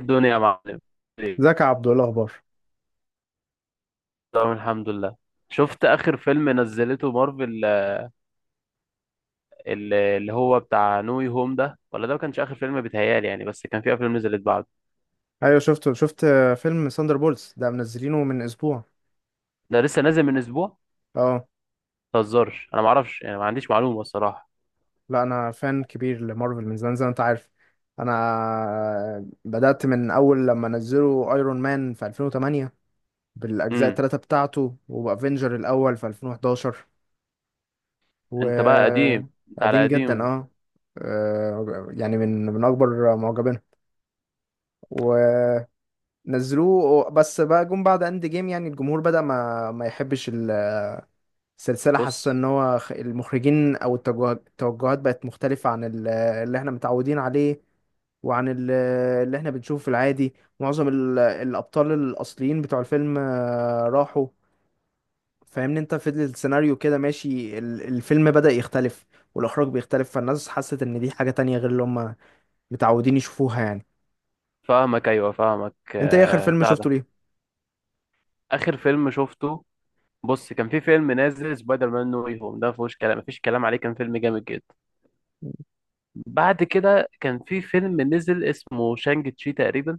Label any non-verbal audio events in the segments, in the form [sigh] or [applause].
الدنيا يا معلم. ازيك يا عبدو ايه الاخبار. تمام، الحمد لله. شفت اخر فيلم نزلته مارفل؟ اللي هو بتاع نوي هوم ده؟ ولا ده ما كانش اخر فيلم، بيتهيالي يعني، بس كان في افلام نزلت بعده. ايوه شفته، فيلم ساندر بولز ده منزلينه من اسبوع. ده لسه نازل من اسبوع؟ اه. ما تهزرش، انا ما اعرفش يعني، ما عنديش معلومه الصراحه. لا انا فان كبير لمارفل من زمان زي ما انت عارف. انا بدأت من اول لما نزلوا ايرون مان في 2008 بالاجزاء امم. الثلاثه بتاعته، وافنجر الاول في 2011 انت بقى قديم، انت على وقديم جدا قديم. اه. يعني من اكبر معجبينه. ونزلوه بس بقى جم بعد اند جيم، يعني الجمهور بدأ ما يحبش سلسلة. حاسة بص. ان هو المخرجين او التوجهات بقت مختلفة عن اللي احنا متعودين عليه، وعن اللي احنا بنشوفه في العادي. معظم الابطال الاصليين بتوع الفيلم راحوا. فاهمني انت، في السيناريو كده ماشي، الفيلم بدأ يختلف والاخراج بيختلف، فالناس حست ان دي حاجة تانية غير اللي هم متعودين يشوفوها يعني. فاهمك، ايوه فاهمك انت ايه اخر فيلم بتاع ده. شفته ليه؟ اخر فيلم شفته، بص كان في فيلم نازل سبايدر مان نوي هوم، ده ما فيهوش كلام، ما فيش كلام عليه، كان فيلم جامد جدا. بعد كده كان في فيلم نزل اسمه شانج تشي تقريبا.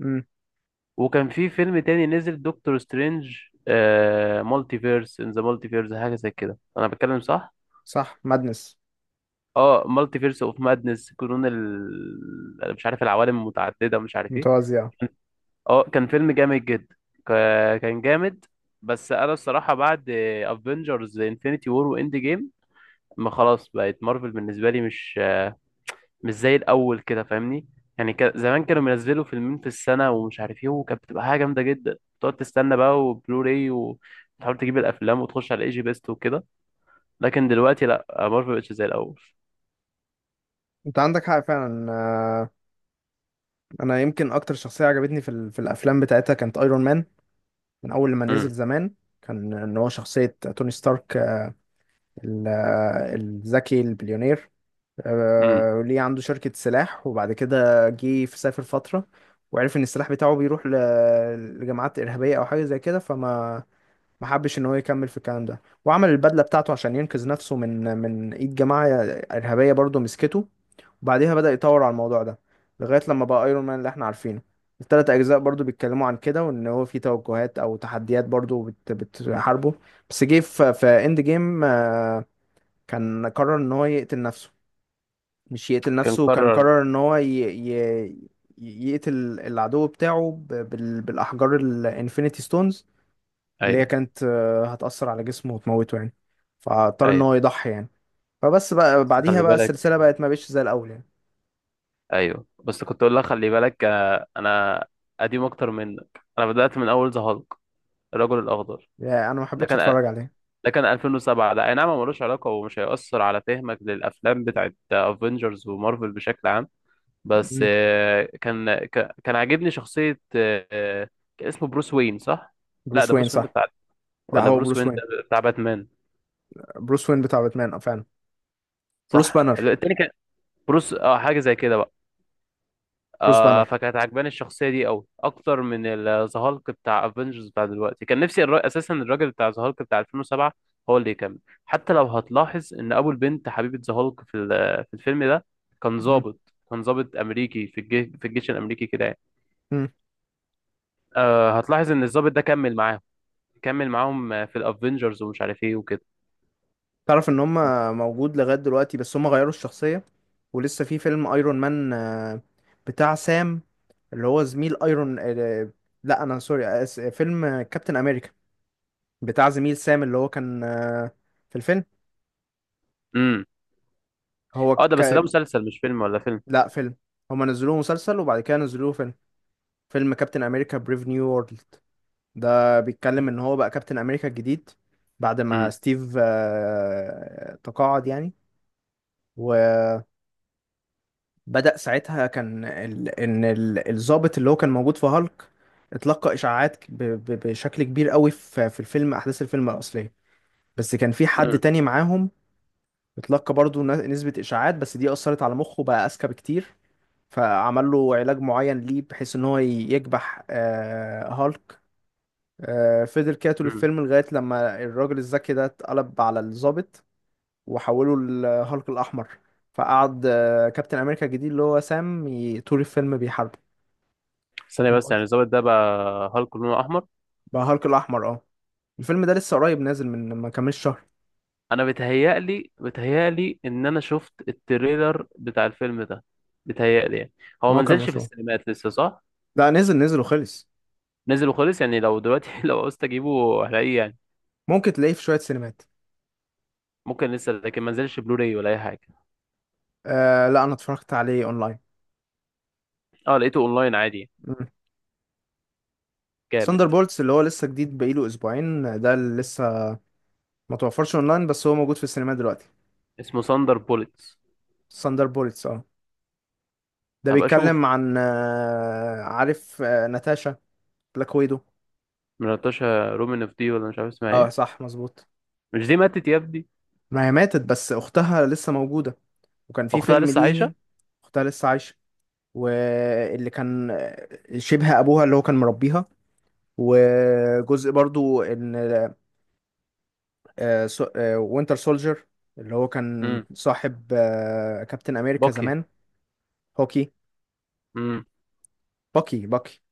امم. وكان في فيلم تاني نزل دكتور سترينج مالتي فيرس ان ذا مالتي فيرس، حاجه زي كده، انا بتكلم صح؟ صح، مادنس. اه، مالتي فيرس اوف مادنس، قانون أنا مش عارف، العوالم المتعدده، مش عارف ايه. متوازية. اه كان فيلم جامد جدا. كان جامد. بس انا الصراحه بعد افنجرز انفينيتي وور واند جيم، ما خلاص بقت مارفل بالنسبه لي مش زي الاول كده، فاهمني؟ يعني كان زمان كانوا بينزلوا فيلمين في السنه ومش عارف ايه، وكانت بتبقى حاجه جامده جدا. تقعد تستنى بقى وبلوراي وتحاول تجيب الافلام وتخش على ايجي بيست وكده. لكن دلوقتي لا، مارفل مبقتش زي الاول. انت عندك حق فعلا. انا يمكن اكتر شخصيه عجبتني في الافلام بتاعتها كانت ايرون مان، من اول لما نزل امم. زمان. كان ان هو شخصيه توني ستارك، ال- الذكي البليونير. امم. ليه عنده شركه سلاح، وبعد كده جه في سافر فتره وعرف ان السلاح بتاعه بيروح لجماعات ارهابيه او حاجه زي كده. فما ما حبش ان هو يكمل في الكلام ده، وعمل البدله بتاعته عشان ينقذ نفسه من ايد جماعه ارهابيه برضه مسكته. بعديها بدأ يطور على الموضوع ده لغاية لما بقى ايرون مان اللي احنا عارفينه. التلات اجزاء برضو بيتكلموا عن كده، وان هو في توجهات او تحديات برضو بتحاربه. بس جه في اند جيم، كان قرر ان هو يقتل نفسه. مش يقتل كان نفسه، كان قرر. قرر ان هو يقتل العدو بتاعه بالاحجار الانفينيتي ستونز اللي هي ايوه. كانت هتأثر على جسمه وتموته يعني. فاضطر ان ايوه، هو يضحي يعني. فبس بقى بس بعديها خلي بقى السلسلة بالك. بقت ما بقتش زي الاول يعني. ايوه، بس كنت اقول لك خلي بالك، انا قديم اكتر منك. انا بدات من اول ذا هالك، الرجل الاخضر. يعني انا ما ده حبيتش كان، اتفرج عليها. ده كان 2007. ده اي نعم هو ملوش علاقة ومش هيأثر على فهمك للأفلام بتاعت افنجرز ومارفل بشكل عام. بس مم. كان عاجبني شخصية، كان اسمه بروس وين صح؟ لا بروس ده وين بروس وين ده صح؟ بتاع، لا ولا هو بروس بروس وين وين، ده بتاع باتمان؟ بروس وين بتاع باتمان اه فعلا. بروس صح؟ بانر. التاني كان بروس، اه حاجة زي كده. بروس آه، بانر. فكانت عجباني الشخصية دي أوي، أكتر من الزهالك بتاع افنجرز بتاع دلوقتي. كان نفسي أساسا الراجل بتاع زهالك بتاع 2007 هو اللي يكمل. حتى لو هتلاحظ إن أبو البنت حبيبة زهالك في الفيلم ده كان مم. ضابط، كان ضابط أمريكي في الجيش الأمريكي كده يعني. مم. آه، هتلاحظ إن الضابط ده كمل معاهم، كمل معاهم في الافنجرز ومش عارف إيه وكده. تعرف ان هم موجود لغاية دلوقتي، بس هم غيروا الشخصية. ولسه في فيلم ايرون مان، بتاع سام اللي هو زميل ايرون. لا انا سوري، فيلم كابتن امريكا بتاع زميل سام اللي هو كان في الفيلم. امم. هو اه ده ك... بس ده مسلسل مش فيلم، ولا فيلم؟ لا فيلم، هم نزلوه مسلسل وبعد كده نزلوه فيلم. فيلم كابتن امريكا بريف نيو وورلد، ده بيتكلم ان هو بقى كابتن امريكا الجديد بعد ما امم. ستيف تقاعد يعني. وبدأ ساعتها، كان ان الضابط اللي هو كان موجود في هالك اتلقى اشاعات بشكل كبير قوي في الفيلم، احداث الفيلم الاصليه، بس كان في حد امم. تاني معاهم اتلقى برضو نسبة اشاعات، بس دي اثرت على مخه بقى اذكى بكتير. فعمل له علاج معين ليه بحيث ان هو يكبح هالك. فضل كده طول امم. الفيلم لغاية لما الراجل الذكي ده اتقلب على الضابط وحوله لهالك الأحمر. فقعد كابتن أمريكا الجديد اللي هو سام طول الفيلم بيحاربه. ثانية بس، يعني الضابط ده بقى هالك لونه أحمر؟ بقى هالك الأحمر اه. الفيلم ده لسه قريب نازل، من ما كملش شهر. انا بتهيألي، بتهيألي ان انا شفت التريلر بتاع الفيلم ده، بتهيألي يعني. هو ما هو ما كان نزلش في مشهور. السينمات لسه صح؟ لا نزل نزل وخلص. نزل وخلص، يعني لو دلوقتي [laughs] لو عاوزت اجيبه هلاقيه يعني؟ ممكن تلاقيه في شوية سينمات. ممكن لسه، لكن ما نزلش بلوراي ولا اي حاجه. آه لا، أنا اتفرجت عليه أونلاين. اه لقيته اونلاين عادي يعني. جامد. ثاندر بولتس اللي هو لسه جديد بقاله أسبوعين، ده اللي لسه ما توفرش أونلاين بس هو موجود في السينما دلوقتي. اسمه ساندر بوليتس؟ ثاندر بولتس اه. ده هبقى اشوف. بيتكلم عن عارف ناتاشا، بلاك ويدو. من ناتاشا رومانوف دي؟ ولا مش عارف اسمها اه ايه. صح مظبوط. مش دي ماتت يا ابني؟ ما هي ماتت، بس اختها لسه موجودة، وكان في اختها فيلم لسه عايشه؟ ليه. اختها لسه عايشة. واللي كان شبه ابوها اللي هو كان مربيها. وجزء برضو ان وينتر سولجر اللي هو كان امم. صاحب كابتن امريكا باكي. زمان. هوكي. امم. باكي.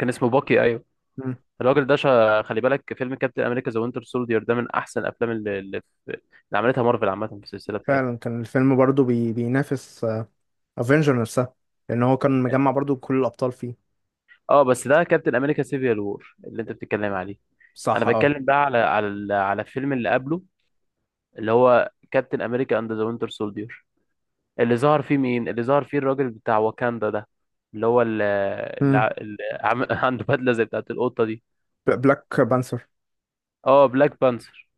كان اسمه باكي، ايوه. مم. الراجل ده خلي بالك، فيلم كابتن امريكا ذا وينتر سولدير ده من احسن الافلام اللي عملتها مارفل عامه في السلسله بتاعتها. فعلا كان الفيلم برضو بينافس افنجر نفسها، لان هو كان مجمع برضو كل الابطال فيه. اه بس ده كابتن امريكا سيفيال وور اللي انت بتتكلم عليه. انا صح اه. بتكلم بقى على على الفيلم اللي قبله، اللي هو كابتن امريكا اند ذا وينتر سولدير. اللي ظهر فيه مين؟ اللي ظهر فيه الراجل بتاع واكاندا ده، اللي هو اللي, امم. اللي عم... [laughs] عنده بدله زي بتاعت القطه دي. بلاك بانثر. اه، بلاك بانثر،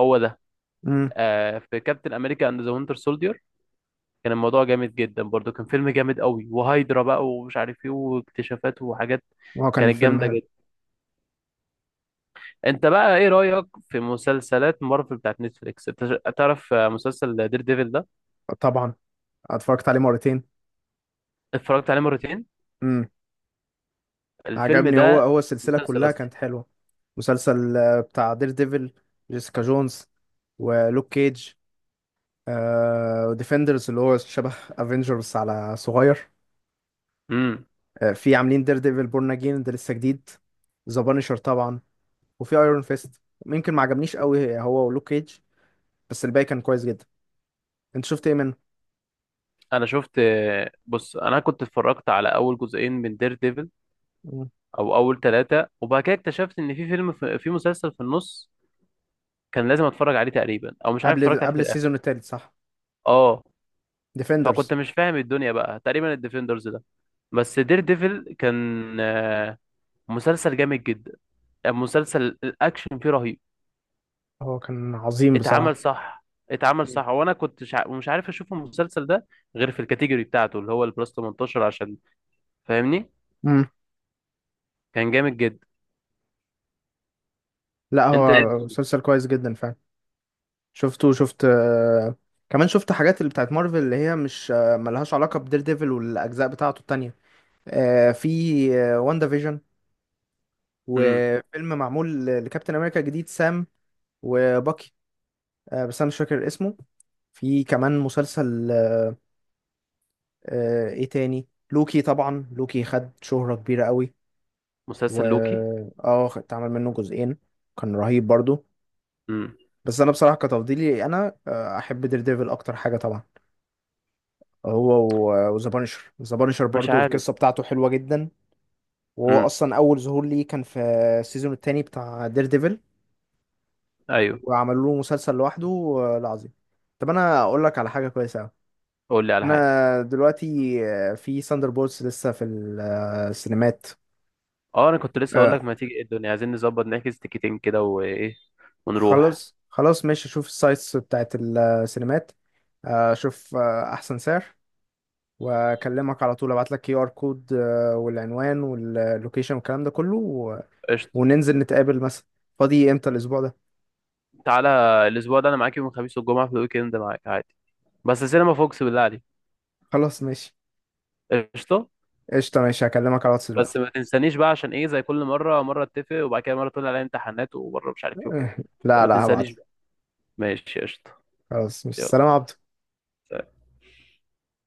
هو ده. امم. آه، في كابتن امريكا اند ذا وينتر سولدير كان الموضوع جامد جدا برضو، كان فيلم جامد قوي، وهايدرا بقى ومش عارف ايه، واكتشافات وحاجات وهو كان كانت فيلم جامدة حلو. جدا. انت بقى ايه رأيك في مسلسلات مارفل بتاعت نتفليكس؟ انت تعرف مسلسل دير ديفل ده؟ طبعا اتفرجت عليه مرتين. اتفرجت عليه مرتين؟ امم. الفيلم عجبني، ده، هو السلسلة مسلسل كلها اصلي. كانت حلوة. مسلسل بتاع دير ديفل، جيسيكا جونز، ولوك كيج. آه ديفندرز، اللي هو شبه افنجرز على صغير. امم. آه، في عاملين دير ديفل بورن اجين ده لسه جديد. ذا بانشر طبعا. وفي ايرون فيست، ممكن ما عجبنيش قوي هو ولوك كيج، بس الباقي كان كويس جدا. انت شفت ايه منه؟ انا شفت، بص انا كنت اتفرجت على اول جزئين من دير ديفل، مم. او اول ثلاثة، وبعد كده اكتشفت ان في فيلم، في مسلسل في النص كان لازم اتفرج عليه تقريبا، او مش عارف اتفرجت عليه قبل في الاخر. السيزون التالت صح. اه، ديفندرز. فكنت مش فاهم الدنيا بقى تقريبا، الديفندرز ده. بس دير ديفل كان آه، مسلسل جامد جدا، مسلسل الاكشن فيه رهيب. هو كان عظيم اتعمل بصراحة. صح، اتعمل صح، وانا كنت مش عارف اشوف المسلسل ده غير في الكاتيجوري بتاعته، اللي هو البلس 18، عشان فاهمني. امم. كان جامد جدا. لا انت. هو مسلسل كويس جدا فعلا. شفته، كمان شفت حاجات اللي بتاعت مارفل اللي هي مش ملهاش علاقة بدير ديفل والأجزاء بتاعته التانية. في واندا فيجن، امم. وفيلم معمول لكابتن أمريكا جديد سام وباكي، بس أنا مش فاكر اسمه. في كمان مسلسل إيه تاني، لوكي طبعا، لوكي خد شهرة كبيرة قوي. و مسلسل لوكي. اه اتعمل منه جزئين، كان رهيب برضو. امم. بس انا بصراحه كتفضيلي انا احب دير ديفل اكتر حاجه طبعا هو. وذا بانشر، ذا بانشر مش برضو عارف. القصه بتاعته حلوه جدا. وهو امم. اصلا اول ظهور ليه كان في السيزون التاني بتاع دير ديفل، ايوه، وعملوا له مسلسل لوحده العظيم. طب انا اقول لك على حاجه كويسه أوي. قول لي على حاجه. انا دلوقتي في ساندر بولز لسه في السينمات. اه، انا كنت لسه اقول آه، لك ما تيجي إيه الدنيا، عايزين نظبط نحجز تيكتين كده وايه ونروح. خلاص خلاص ماشي، اشوف السايتس بتاعت السينمات، اشوف احسن سعر واكلمك على طول، ابعت لك كي ار كود والعنوان واللوكيشن والكلام ده كله قشطه. وننزل نتقابل مثلا. فاضي امتى الاسبوع ده؟ تعالى، الاسبوع ده انا معاك يوم الخميس والجمعه، في الويك اند معاك عادي، بس سينما فوكس بالله عليك. خلاص ماشي. قشطه. قشطة ماشي، هكلمك على الواتس بس دلوقتي. ما تنسانيش بقى، عشان ايه زي كل مره، مره اتفق وبعد كده مره تقول عليا امتحانات، ومره مش عارف ايه وكده. [laughs] لا ما لا هبعت تنسانيش لك. بقى. ماشي قشطه. خلاص، مش يلا. سلام يا عبدو. سلام.